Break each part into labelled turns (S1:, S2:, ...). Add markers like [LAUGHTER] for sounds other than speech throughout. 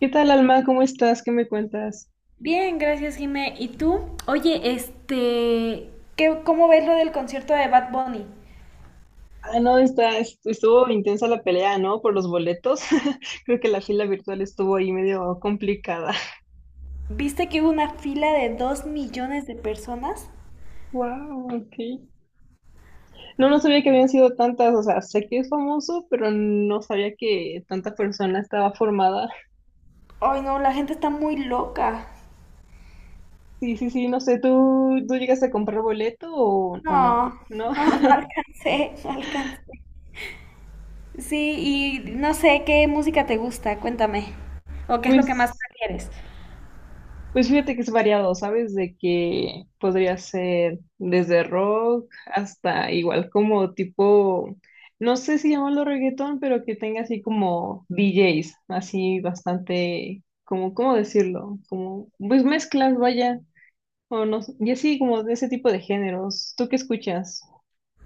S1: ¿Qué tal, Alma? ¿Cómo estás? ¿Qué me cuentas?
S2: Bien, gracias, Jimé. ¿Y tú? Oye, ¿cómo ves lo del concierto de Bad Bunny?
S1: Ah, no, estuvo intensa la pelea, ¿no? Por los boletos. [LAUGHS] Creo que la fila virtual estuvo ahí medio complicada. [LAUGHS]
S2: ¿Viste que hubo una fila de 2 millones de personas?
S1: Wow, ok. No, no sabía que habían sido tantas, o sea, sé que es famoso, pero no sabía que tanta persona estaba formada.
S2: Ay, no, la gente está muy loca.
S1: Sí, sí, sí, no sé, ¿tú llegaste a comprar boleto o no?
S2: No,
S1: ¿No?
S2: no, no
S1: [LAUGHS]
S2: alcancé, no alcancé. Sí, y no sé qué música te gusta, cuéntame. ¿O qué es lo que más
S1: Pues.
S2: prefieres?
S1: Pues fíjate que es variado, ¿sabes? De que podría ser desde rock hasta igual como tipo, no sé si llamarlo reggaetón, pero que tenga así como DJs, así bastante, como, ¿cómo decirlo? Como, pues mezclas, vaya, o no, sé, y así como de ese tipo de géneros. ¿Tú qué escuchas?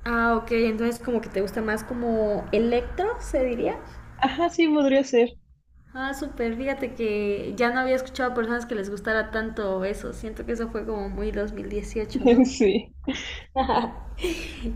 S2: Ah, ok, entonces como que te gusta más como electro, se diría.
S1: Ajá, sí, podría ser.
S2: Ah, súper, fíjate que ya no había escuchado a personas que les gustara tanto eso. Siento que eso fue como muy 2018, ¿no?
S1: [LAUGHS] Sí,
S2: [LAUGHS]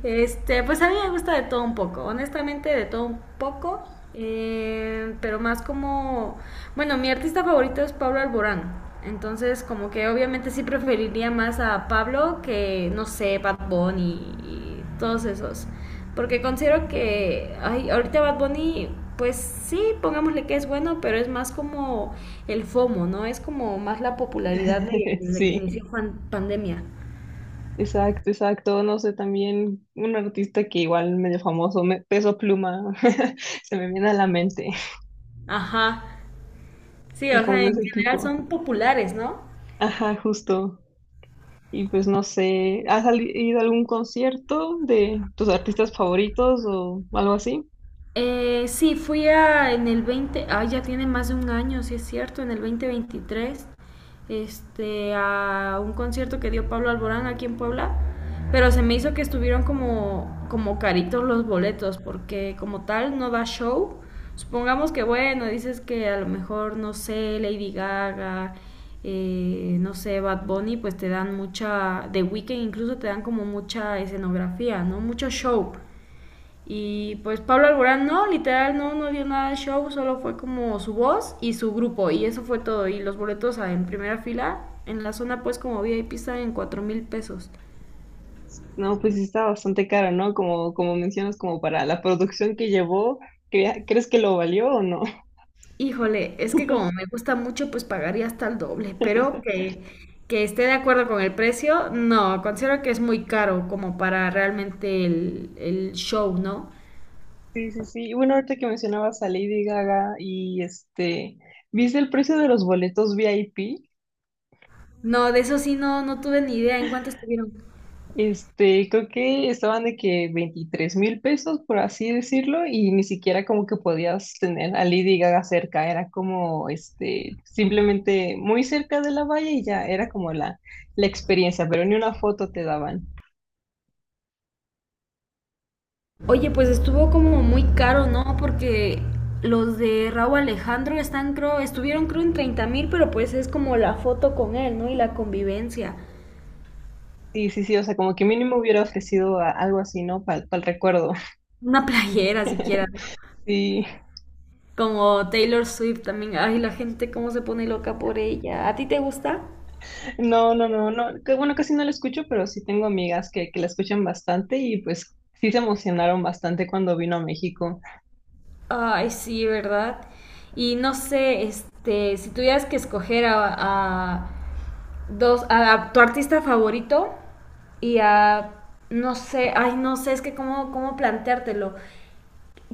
S2: Pues a mí me gusta de todo un poco, honestamente de todo un poco, pero más como, bueno, mi artista favorito es Pablo Alborán, entonces como que obviamente sí preferiría más a Pablo que, no sé, Bad Bunny y todos esos, porque considero que, ay, ahorita Bad Bunny, pues sí, pongámosle que es bueno, pero es más como el FOMO, ¿no? Es como más la popularidad de,
S1: [LAUGHS]
S2: desde que
S1: sí.
S2: inició pandemia.
S1: Exacto, exacto. No sé, también un artista que igual medio famoso, Peso Pluma, [LAUGHS] se me viene a la mente.
S2: Ajá, sí,
S1: Y
S2: o
S1: como
S2: sea,
S1: de
S2: en
S1: ese
S2: general
S1: tipo.
S2: son populares, ¿no?
S1: Ajá, justo. Y pues no sé, ¿has ido a algún concierto de tus artistas favoritos o algo así?
S2: Sí, fui a, en el 20, ah, ya tiene más de un año, sí es cierto, en el 2023, a un concierto que dio Pablo Alborán aquí en Puebla, pero se me hizo que estuvieron como, como caritos los boletos, porque como tal no da show. Supongamos que, bueno, dices que a lo mejor, no sé, Lady Gaga, no sé, Bad Bunny, pues te dan mucha, de Weeknd incluso te dan como mucha escenografía, ¿no? Mucho show. Y pues Pablo Alborán no, literal no, no dio nada de show, solo fue como su voz y su grupo y eso fue todo. Y los boletos ah, en primera fila, en la zona pues como VIP estaban en 4,000 pesos.
S1: No, pues sí está bastante caro, ¿no? Como, como mencionas, como para la producción que llevó, ¿crees que lo valió o no?
S2: Híjole, es que como me gusta mucho pues pagaría hasta el doble, pero
S1: [LAUGHS]
S2: que esté de acuerdo con el precio, no, considero que es muy caro como para realmente el show, ¿no?
S1: Sí, sí, sí. Y bueno, ahorita que mencionabas a Lady Gaga y este, ¿viste el precio de los boletos VIP?
S2: No, de eso sí no, no tuve ni idea en cuánto estuvieron.
S1: Este, creo que estaban de que 23,000 pesos, por así decirlo, y ni siquiera como que podías tener a Lady Gaga cerca, era como, este, simplemente muy cerca de la valla y ya era como la experiencia, pero ni una foto te daban.
S2: Oye, pues estuvo como muy caro, ¿no? Porque los de Raúl Alejandro están, creo, estuvieron, creo, en 30 mil, pero pues es como la foto con él, ¿no? Y la convivencia.
S1: Sí, sí, sí, o sea, como que mínimo hubiera ofrecido algo así, ¿no? Para el recuerdo. [LAUGHS]
S2: Una playera siquiera, ¿no?
S1: Sí,
S2: Como Taylor Swift también. Ay, la gente cómo se pone loca por ella. ¿A ti te gusta?
S1: no, no, no, no, que bueno, casi no la escucho, pero sí tengo amigas que la escuchan bastante y pues sí se emocionaron bastante cuando vino a México.
S2: Ay, sí, ¿verdad? Y no sé, si tuvieras que escoger a dos, a tu artista favorito y a, no sé, ay, no sé, es que cómo planteártelo.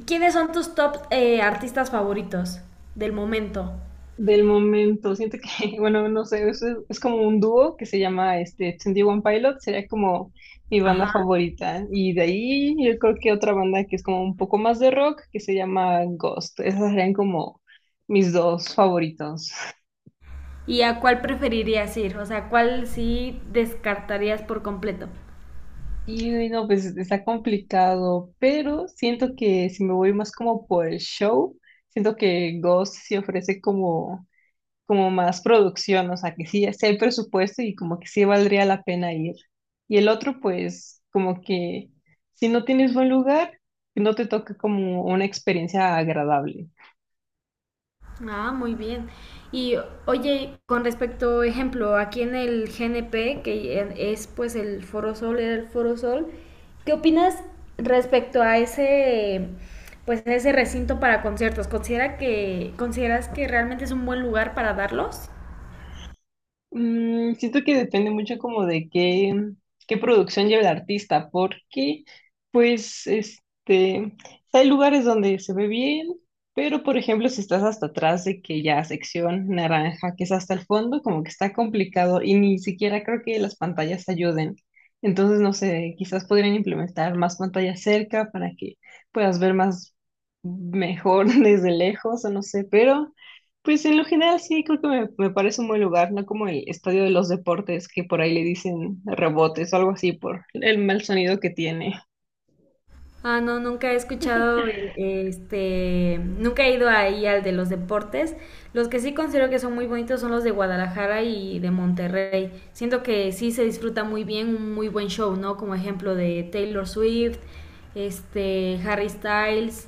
S2: ¿Quiénes son tus top artistas favoritos del momento?
S1: Del momento. Siento que, [LAUGHS] bueno, no sé, es como un dúo que se llama este 21 Pilot, sería como mi banda
S2: Ajá.
S1: favorita. Y de ahí yo creo que otra banda que es como un poco más de rock, que se llama Ghost. Esas serían como mis dos favoritos.
S2: ¿Y a cuál preferirías ir? O sea, ¿cuál sí descartarías por completo?
S1: Y no, pues está complicado, pero siento que si me voy más como por el show, siento que Ghost sí ofrece como como más producción, o sea, que sí, sí hay presupuesto y como que sí valdría la pena ir. Y el otro, pues, como que si no tienes buen lugar, no te toca como una experiencia agradable.
S2: Ah, muy bien. Y oye, con respecto, ejemplo, aquí en el GNP, que es pues el Foro Sol, era el Foro Sol, ¿qué opinas respecto a ese, pues a ese recinto para conciertos? ¿Considera que, consideras que realmente es un buen lugar para darlos?
S1: Siento que depende mucho como de qué, producción lleva el artista, porque pues este, hay lugares donde se ve bien, pero por ejemplo si estás hasta atrás de que ya sección naranja, que es hasta el fondo, como que está complicado y ni siquiera creo que las pantallas ayuden. Entonces, no sé, quizás podrían implementar más pantallas cerca para que puedas ver más mejor [LAUGHS] desde lejos o no sé, pero... Pues en lo general sí, creo que me parece un buen lugar, no como el estadio de los deportes, que por ahí le dicen rebotes o algo así por el mal sonido que tiene.
S2: Ah, no, nunca he escuchado nunca he ido ahí al de los deportes. Los que sí considero que son muy bonitos son los de Guadalajara y de Monterrey. Siento que sí se disfruta muy bien, un muy buen show, ¿no? Como ejemplo de Taylor Swift, Harry Styles,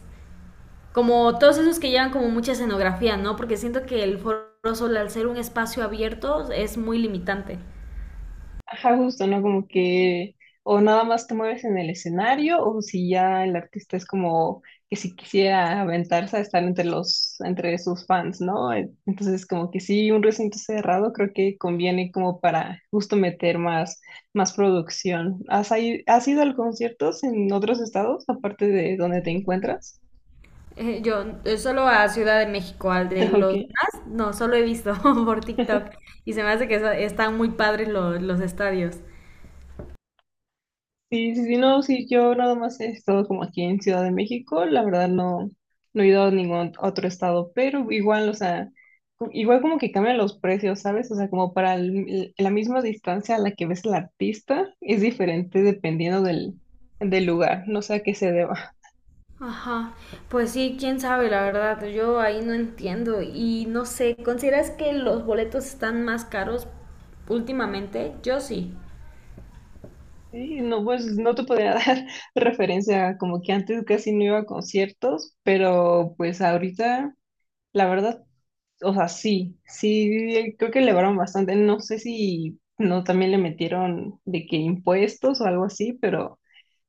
S2: como todos esos que llevan como mucha escenografía, ¿no? Porque siento que el Foro Sol al ser un espacio abierto es muy limitante.
S1: Ajá, justo, ¿no? Como que o nada más te mueves en el escenario o si ya el artista es como que si quisiera aventarse a estar entre los, entre sus fans, ¿no? Entonces como que sí, un recinto cerrado creo que conviene como para justo meter más, más producción. ¿Has, has ido a conciertos en otros estados aparte de donde te encuentras?
S2: Yo solo a Ciudad de México, al de
S1: [LAUGHS] Ok.
S2: los demás, no, solo he visto [LAUGHS] por TikTok y se me hace que están muy padres los estadios.
S1: Sí, sí, sí, no, sí, yo nada más he estado como aquí en Ciudad de México, la verdad no, no he ido a ningún otro estado, pero igual, o sea, igual como que cambian los precios, ¿sabes? O sea, como para la misma distancia a la que ves al artista, es diferente dependiendo del, del lugar, no sé a qué se deba. [LAUGHS]
S2: Ajá, pues sí, quién sabe, la verdad, yo ahí no entiendo y no sé, ¿consideras que los boletos están más caros últimamente? Yo sí.
S1: Sí, no, pues no te podría [LAUGHS] dar referencia, como que antes casi no iba a conciertos, pero pues ahorita, la verdad. O sea, sí, sí, creo que elevaron bastante. No sé si no también le metieron de que impuestos o algo así, pero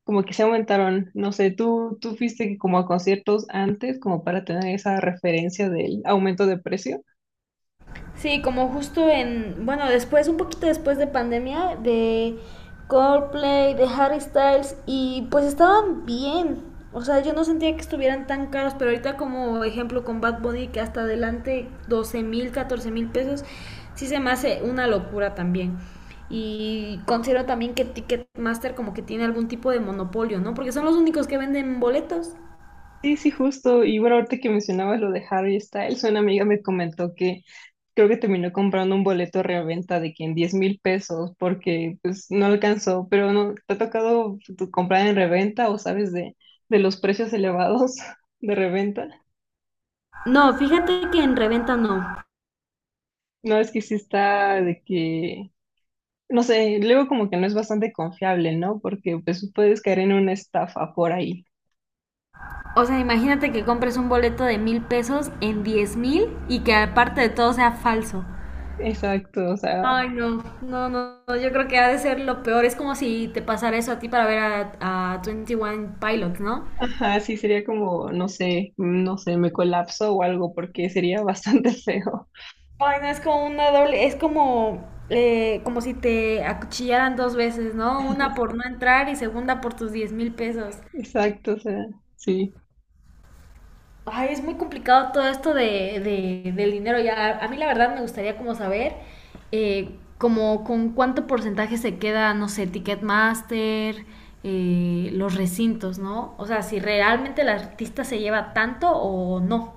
S1: como que se aumentaron. No sé, tú fuiste como a conciertos antes, como para tener esa referencia del aumento de precio.
S2: Sí, como justo en, bueno, después, un poquito después de pandemia, de Coldplay, de Harry Styles, y pues estaban bien. O sea, yo no sentía que estuvieran tan caros, pero ahorita como ejemplo con Bad Bunny, que hasta adelante 12,000, 14,000 pesos, sí se me hace una locura también. Y considero también que Ticketmaster como que tiene algún tipo de monopolio, ¿no? Porque son los únicos que venden boletos.
S1: Sí, sí, justo. Y bueno, ahorita que mencionabas lo de Harry Styles, una amiga me comentó que creo que terminó comprando un boleto de reventa de que en 10,000 pesos porque pues no alcanzó, pero no, ¿te ha tocado comprar en reventa o sabes de, los precios elevados [LAUGHS] de reventa?
S2: No, fíjate que en reventa no.
S1: No, es que sí está de que, no sé, luego como que no es bastante confiable, ¿no? Porque pues puedes caer en una estafa por ahí.
S2: O sea, imagínate que compres un boleto de 1,000 pesos en 10,000 y que aparte de todo sea falso.
S1: Exacto, o sea,
S2: Ay, no, no, no, no, yo creo que ha de ser lo peor. Es como si te pasara eso a ti para ver a 21 Pilots, ¿no?
S1: ajá, sí sería como, no sé, me colapso o algo porque sería bastante [LAUGHS] feo.
S2: Ay, no, es como una doble, es como, como si te acuchillaran dos veces, ¿no? Una por no entrar y segunda por tus 10,000 pesos.
S1: Exacto, o sea, sí.
S2: Ay, es muy complicado todo esto de, del dinero. Ya, a mí la verdad me gustaría como saber eh, como con cuánto porcentaje se queda, no sé, Ticketmaster, los recintos, ¿no? O sea, si realmente el artista se lleva tanto o no.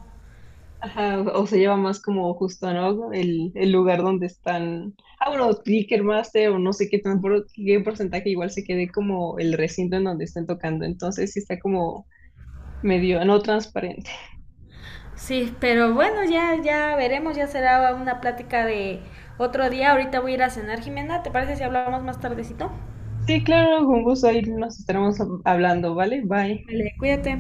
S1: Ajá, o se lleva más como justo, ¿no? El lugar donde están. Ah, bueno, Ticketmaster o no sé qué, tan qué porcentaje, igual se quede como el recinto en donde estén tocando. Entonces sí está como medio no transparente.
S2: Sí, pero bueno, ya, ya veremos, ya será una plática de otro día. Ahorita voy a ir a cenar, Jimena. ¿Te parece si hablamos más tardecito?
S1: Sí, claro, con gusto ahí nos estaremos hablando, ¿vale? Bye.
S2: Vale, cuídate.